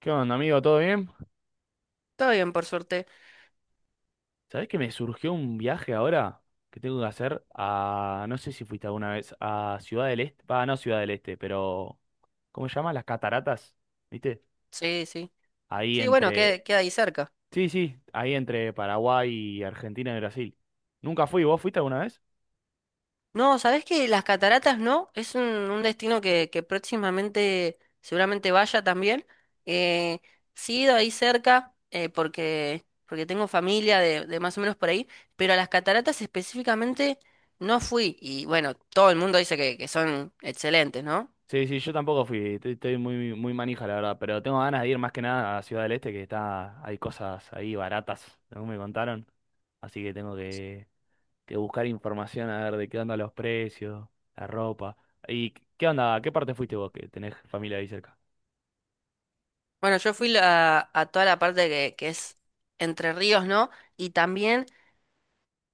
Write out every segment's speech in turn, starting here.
¿Qué onda, amigo? ¿Todo bien? Todo bien, por suerte. ¿Sabés que me surgió un viaje ahora que tengo que hacer a, no sé si fuiste alguna vez, a Ciudad del Este, va, no Ciudad del Este, pero, ¿cómo se llama? Las cataratas, ¿viste? Sí, sí. Ahí Sí, bueno, entre, queda ahí cerca. sí, sí, ahí entre Paraguay y Argentina y Brasil. Nunca fui, ¿vos fuiste alguna vez? No, ¿sabés que las cataratas no? Es un destino que próximamente seguramente vaya también. Eh, sí, he ido ahí cerca porque tengo familia de más o menos por ahí, pero a las cataratas específicamente no fui. Y bueno, todo el mundo dice que son excelentes, ¿no? Sí, sí, yo tampoco fui, estoy muy, muy manija, la verdad, pero tengo ganas de ir más que nada a Ciudad del Este, que está, hay cosas ahí baratas, según me contaron, así que tengo que buscar información a ver de qué onda los precios, la ropa. ¿Y qué onda? ¿A qué parte fuiste vos que tenés familia ahí cerca? Bueno, yo fui a toda la parte que es Entre Ríos, ¿no? Y también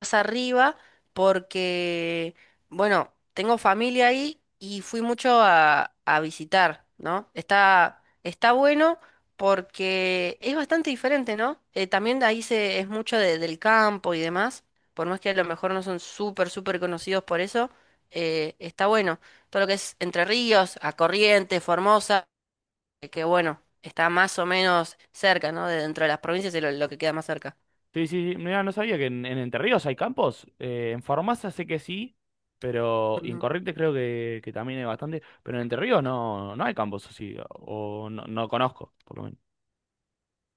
más arriba porque, bueno, tengo familia ahí y fui mucho a visitar, ¿no? Está bueno porque es bastante diferente, ¿no? También ahí es mucho del campo y demás, por más que a lo mejor no son súper, súper conocidos por eso, está bueno. Todo lo que es Entre Ríos, a Corrientes, Formosa, que bueno, está más o menos cerca, ¿no? De dentro de las provincias es lo que queda más cerca. Sí, sí, sí. Mirá, no sabía que en Entre Ríos hay campos. En Farmacia sé que sí, pero y en Corrientes creo que también hay bastante. Pero en Entre Ríos no, no hay campos, así o no, no conozco, por lo menos.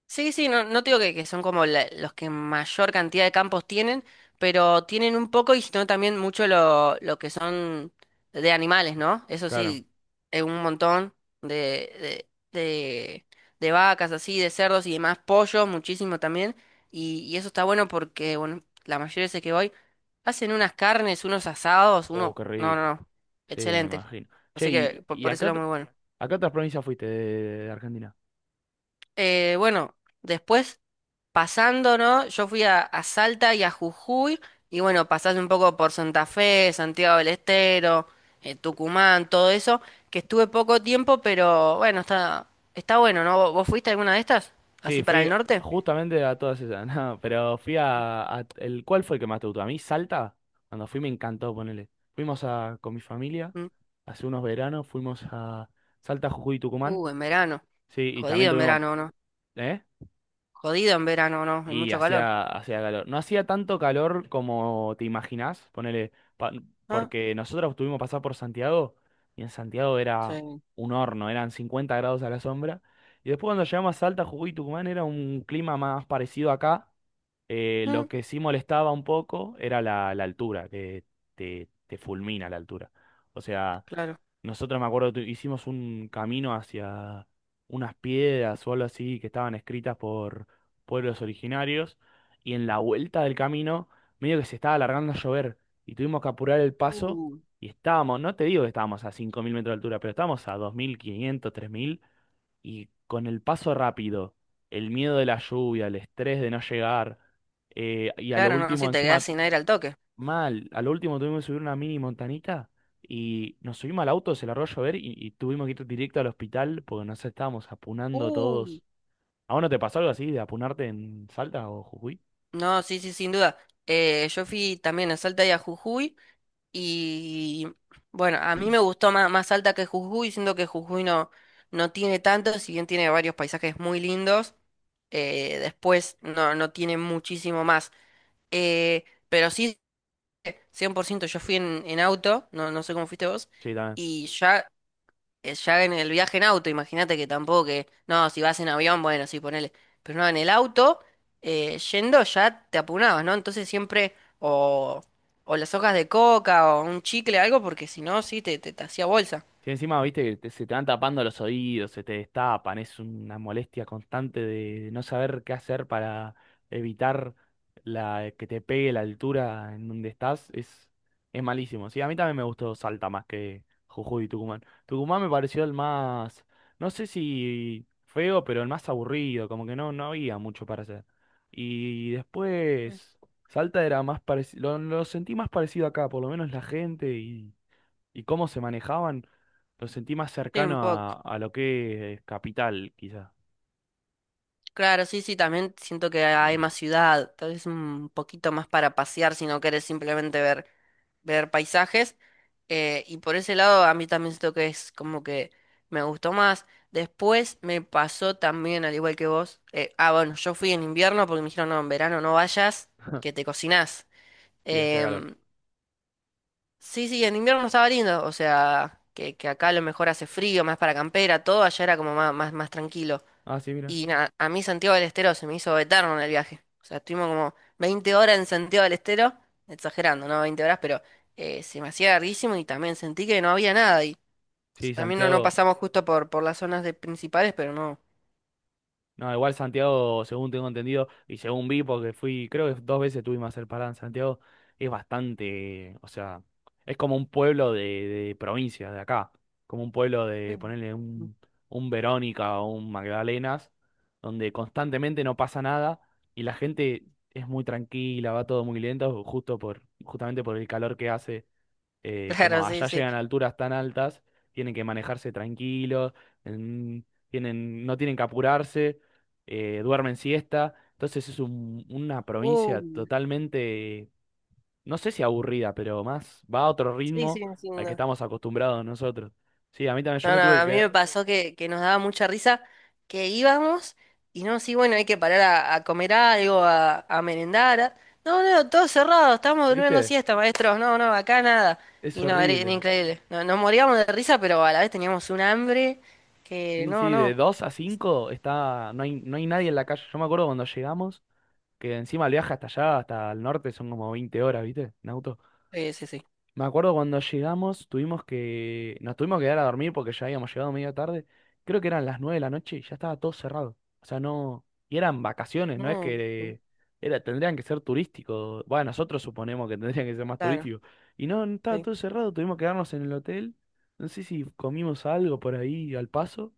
Sí, sí, no, no te digo que son como los que mayor cantidad de campos tienen, pero tienen un poco y sino también mucho lo que son de animales, ¿no? Eso Claro. sí, un montón de, de, de, de vacas así, de cerdos y demás, pollos, muchísimo también. Y eso está bueno porque, bueno, la mayoría de veces que voy, hacen unas carnes, unos asados, Oh, qué No, no, rico. no, Sí, me excelente. imagino. Che, Así ¿y, que por, y por a eso qué, lo muy bueno. a qué otras provincias fuiste de Argentina? Bueno, después, pasando, ¿no? Yo fui a Salta y a Jujuy, y bueno, pasás un poco por Santa Fe, Santiago del Estero, Tucumán, todo eso, que estuve poco tiempo, pero bueno, está bueno, ¿no? ¿Vos fuiste a alguna de estas? Sí, ¿Así para fui el norte? justamente a todas esas, no, pero fui el, ¿cuál fue el que más te gustó? A mí, Salta, cuando fui me encantó, ponele. Fuimos a, con mi familia, Mm. hace unos veranos, fuimos a Salta, Jujuy y Tucumán, En verano. sí, y también Jodido en tuvimos, verano, ¿no? ¿eh? Jodido en verano, ¿no? Hay Y mucho calor. hacía calor. No hacía tanto calor como te imaginás, ponele, Ah, porque nosotros tuvimos que pasar por Santiago, y en Santiago era sí. un horno, eran 50 grados a la sombra, y después cuando llegamos a Salta, Jujuy y Tucumán era un clima más parecido acá. Lo Mm, que sí molestaba un poco era la altura, que te fulmina la altura. O sea, claro. nosotros me acuerdo, hicimos un camino hacia unas piedras o algo así que estaban escritas por pueblos originarios y en la vuelta del camino medio que se estaba alargando a llover y tuvimos que apurar el paso Uh, y estábamos, no te digo que estábamos a 5.000 metros de altura, pero estábamos a 2.500 3.000 y con el paso rápido, el miedo de la lluvia, el estrés de no llegar, y a lo claro, no, último, si te quedás encima, sin aire al toque. mal, a lo último tuvimos que subir una mini montanita y nos subimos al auto, se largó a llover y tuvimos que ir directo al hospital porque nos estábamos apunando Uh, todos. ¿A vos no te pasó algo así de apunarte en Salta o Jujuy? no, sí, sí, sin duda. Yo fui también a Salta y a Jujuy. Y bueno, a mí me gustó más, más alta que Jujuy, siendo que Jujuy no, no tiene tanto, si bien tiene varios paisajes muy lindos, después no, no tiene muchísimo más. Pero sí, 100% yo fui en, auto, no, no sé cómo fuiste vos, Sí, y ya ya en el viaje en auto, imagínate que tampoco que, no, si vas en avión, bueno, sí, ponele, pero no, en el auto, yendo ya te apunabas, ¿no? Entonces siempre o las hojas de coca o un chicle, algo, porque si no, sí, te hacía bolsa. sí, encima, viste, que te- se te van tapando los oídos, se te destapan, es una molestia constante de no saber qué hacer para evitar la, que te pegue la altura en donde estás, es malísimo. Sí, a mí también me gustó Salta más que Jujuy y Tucumán. Tucumán me pareció el más, no sé si feo, pero el más aburrido, como que no, no había mucho para hacer. Y después, Salta era más parecido, lo sentí más parecido acá, por lo menos la gente y cómo se manejaban, lo sentí más Sí, un cercano a, poco. a lo que es Capital, quizá. Claro, sí, sí, también siento que hay más ciudad, tal vez un poquito más para pasear si no querés simplemente ver, paisajes. Y por ese lado a mí también siento que es como que me gustó más. Después me pasó también, al igual que vos, bueno, yo fui en invierno porque me dijeron, no, en verano no vayas, que te cocinás. Sí, hacía calor. Em, sí, sí, en invierno estaba lindo, o sea, que acá a lo mejor hace frío, más para campera, todo allá era como más, más, más tranquilo. Ah, sí, mira. Y nada, a mí Santiago del Estero se me hizo eterno en el viaje. O sea, estuvimos como 20 horas en Santiago del Estero, exagerando, ¿no? 20 horas, pero se me hacía larguísimo y también sentí que no había nada. Y Sí, también no, no Santiago. pasamos justo por las zonas de principales, pero no. No, igual Santiago, según tengo entendido, y según vi, porque fui, creo que dos veces tuvimos a hacer parada en Santiago, es bastante, o sea, es como un pueblo de provincia, de acá, como un pueblo Sí. de ponerle un Verónica o un Magdalenas, donde constantemente no pasa nada y la gente es muy tranquila, va todo muy lento, justo por, justamente por el calor que hace. Eh, Claro, como sí, allá sí. llegan a alturas tan altas, tienen que manejarse tranquilos, tienen, no tienen que apurarse, duermen siesta. Entonces es una Uh, provincia totalmente, no sé si aburrida, pero más va a otro sí, sí, ritmo sí. al que estamos acostumbrados nosotros. Sí, a mí también yo No, me no, tuve que a mí quedar, me pasó que nos daba mucha risa que íbamos y no, sí, bueno, hay que parar a comer algo, a merendar. No, no, todo cerrado, estamos durmiendo ¿viste? siesta, maestros, no, no, acá nada. Es Y no, era horrible. increíble. No, nos moríamos de risa, pero a la vez teníamos un hambre que, Sí, no, sí, de no. dos a cinco está, no hay, no hay nadie en la calle. Yo me acuerdo cuando llegamos, que encima el viaje hasta allá, hasta el norte, son como 20 horas, ¿viste? En auto. Sí, sí, sí. Me acuerdo cuando llegamos, tuvimos que, nos tuvimos que quedar a dormir porque ya habíamos llegado media tarde. Creo que eran las 9 de la noche y ya estaba todo cerrado. O sea, no, y eran vacaciones, no es No, sí, que era, tendrían que ser turísticos. Bueno, nosotros suponemos que tendrían que ser más claro, turísticos. Y no, no, estaba sí. todo cerrado, tuvimos que quedarnos en el hotel. No sé si comimos algo por ahí al paso.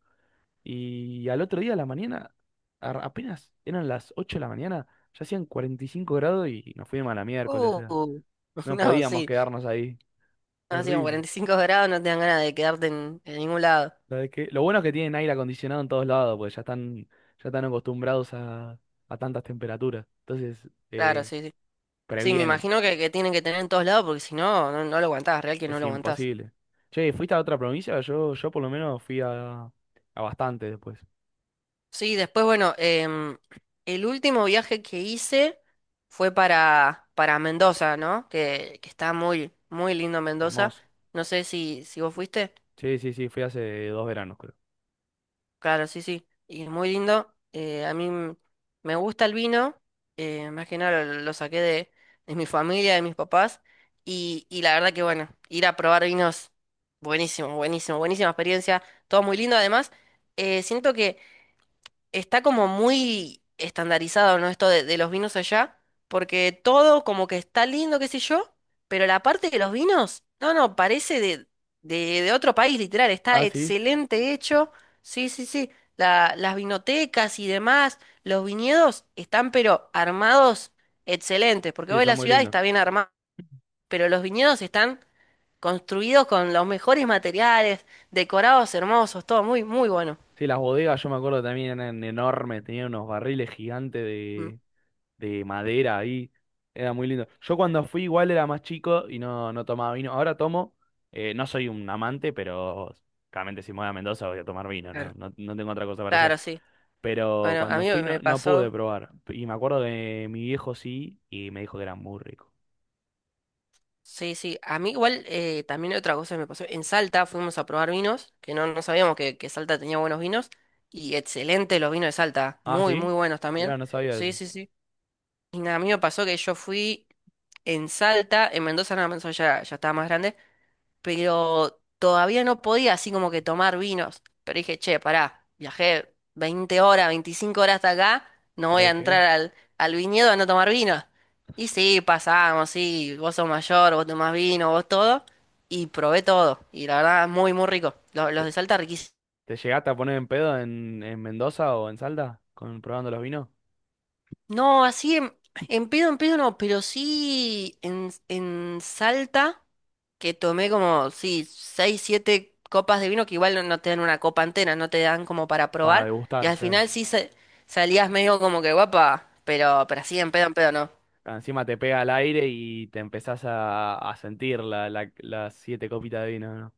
Y al otro día a la mañana, apenas eran las 8 de la mañana, ya hacían 45 grados y nos fuimos a la miércoles, o Uh, sea, no no, podíamos sí, quedarnos ahí. no, así como Horrible. 45 grados no te dan ganas de quedarte en, ningún lado. La de que, lo bueno es que tienen aire acondicionado en todos lados, porque ya están acostumbrados a tantas temperaturas. Entonces, Claro, eh, sí, sí. Sí, me previenen. imagino que tienen que tener en todos lados porque si no, no, no lo aguantás, real que no Es lo aguantás. imposible. Che, ¿fuiste a otra provincia? Yo por lo menos fui a bastante después. Sí, después, bueno, el último viaje que hice fue para Mendoza, ¿no? Que está muy, muy lindo Mendoza. Hermoso. No sé si vos fuiste. Sí, sí, sí, fui hace 2 veranos, creo. Claro, sí, sí. Y muy lindo. A mí me gusta el vino. Más que nada lo saqué de mi familia, de mis papás. Y la verdad que bueno, ir a probar vinos, buenísimo, buenísimo, buenísima experiencia. Todo muy lindo. Además, siento que está como muy estandarizado, ¿no? Esto de los vinos allá, porque todo como que está lindo, qué sé yo, pero la parte de los vinos, no, no, parece de otro país, literal, está Ah, sí. excelente hecho, sí, sí, sí, las vinotecas y demás, los viñedos están pero armados excelentes, porque Sí, hoy son la muy ciudad lindos. está bien armada, pero los viñedos están construidos con los mejores materiales, decorados hermosos, todo muy, muy bueno. Sí, las bodegas yo me acuerdo también eran enormes, tenían unos barriles gigantes Mm. De madera ahí. Era muy lindo. Yo cuando fui igual era más chico y no, no tomaba vino. Ahora tomo, no soy un amante, pero claramente si me voy a Mendoza voy a tomar vino, Claro, ¿no? No, no tengo otra cosa para hacer. claro, sí. Pero Bueno, a cuando mí fui no, me no pude pasó, probar. Y me acuerdo que mi viejo sí y me dijo que era muy rico. sí, sí, a mí igual también otra cosa que me pasó, en Salta fuimos a probar vinos, que no, no sabíamos que Salta tenía buenos vinos, y excelente los vinos de Salta, Ah, muy, ¿sí? muy buenos Mirá, también, no sabía sí, eso. sí, sí, y nada, a mí me pasó que yo fui en Salta, en Mendoza nada más, ya, ya estaba más grande, pero todavía no podía así como que tomar vinos. Pero dije, che, pará, viajé 20 horas, 25 horas hasta acá, no voy a ¿Sabes entrar qué? al viñedo a no tomar vino. Y sí, pasamos, sí, vos sos mayor, vos tomás vino, vos todo, y probé todo. Y la verdad, muy, muy rico. Los de ¿Te, Salta riquísimos. te llegaste a poner en pedo en Mendoza o en Salta con probando los vinos? No, así en pedo, en pedo no, pero sí en, Salta, que tomé como, sí, seis, siete copas de vino, que igual no, no te dan una copa entera, no te dan como para Para probar, y degustar, al claro. final sí salías medio como que guapa, pero, así en pedo no. Encima te pega al aire y te empezás a sentir la, las siete copitas de vino, ¿no?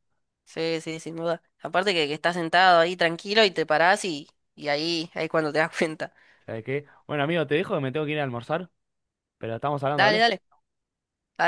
Sí, sí, sin duda. Aparte que estás sentado ahí tranquilo y te parás y, ahí, ahí es cuando te das cuenta. ¿Sabes qué? Bueno, amigo, te dejo que me tengo que ir a almorzar, pero estamos hablando, Dale, vale. dale.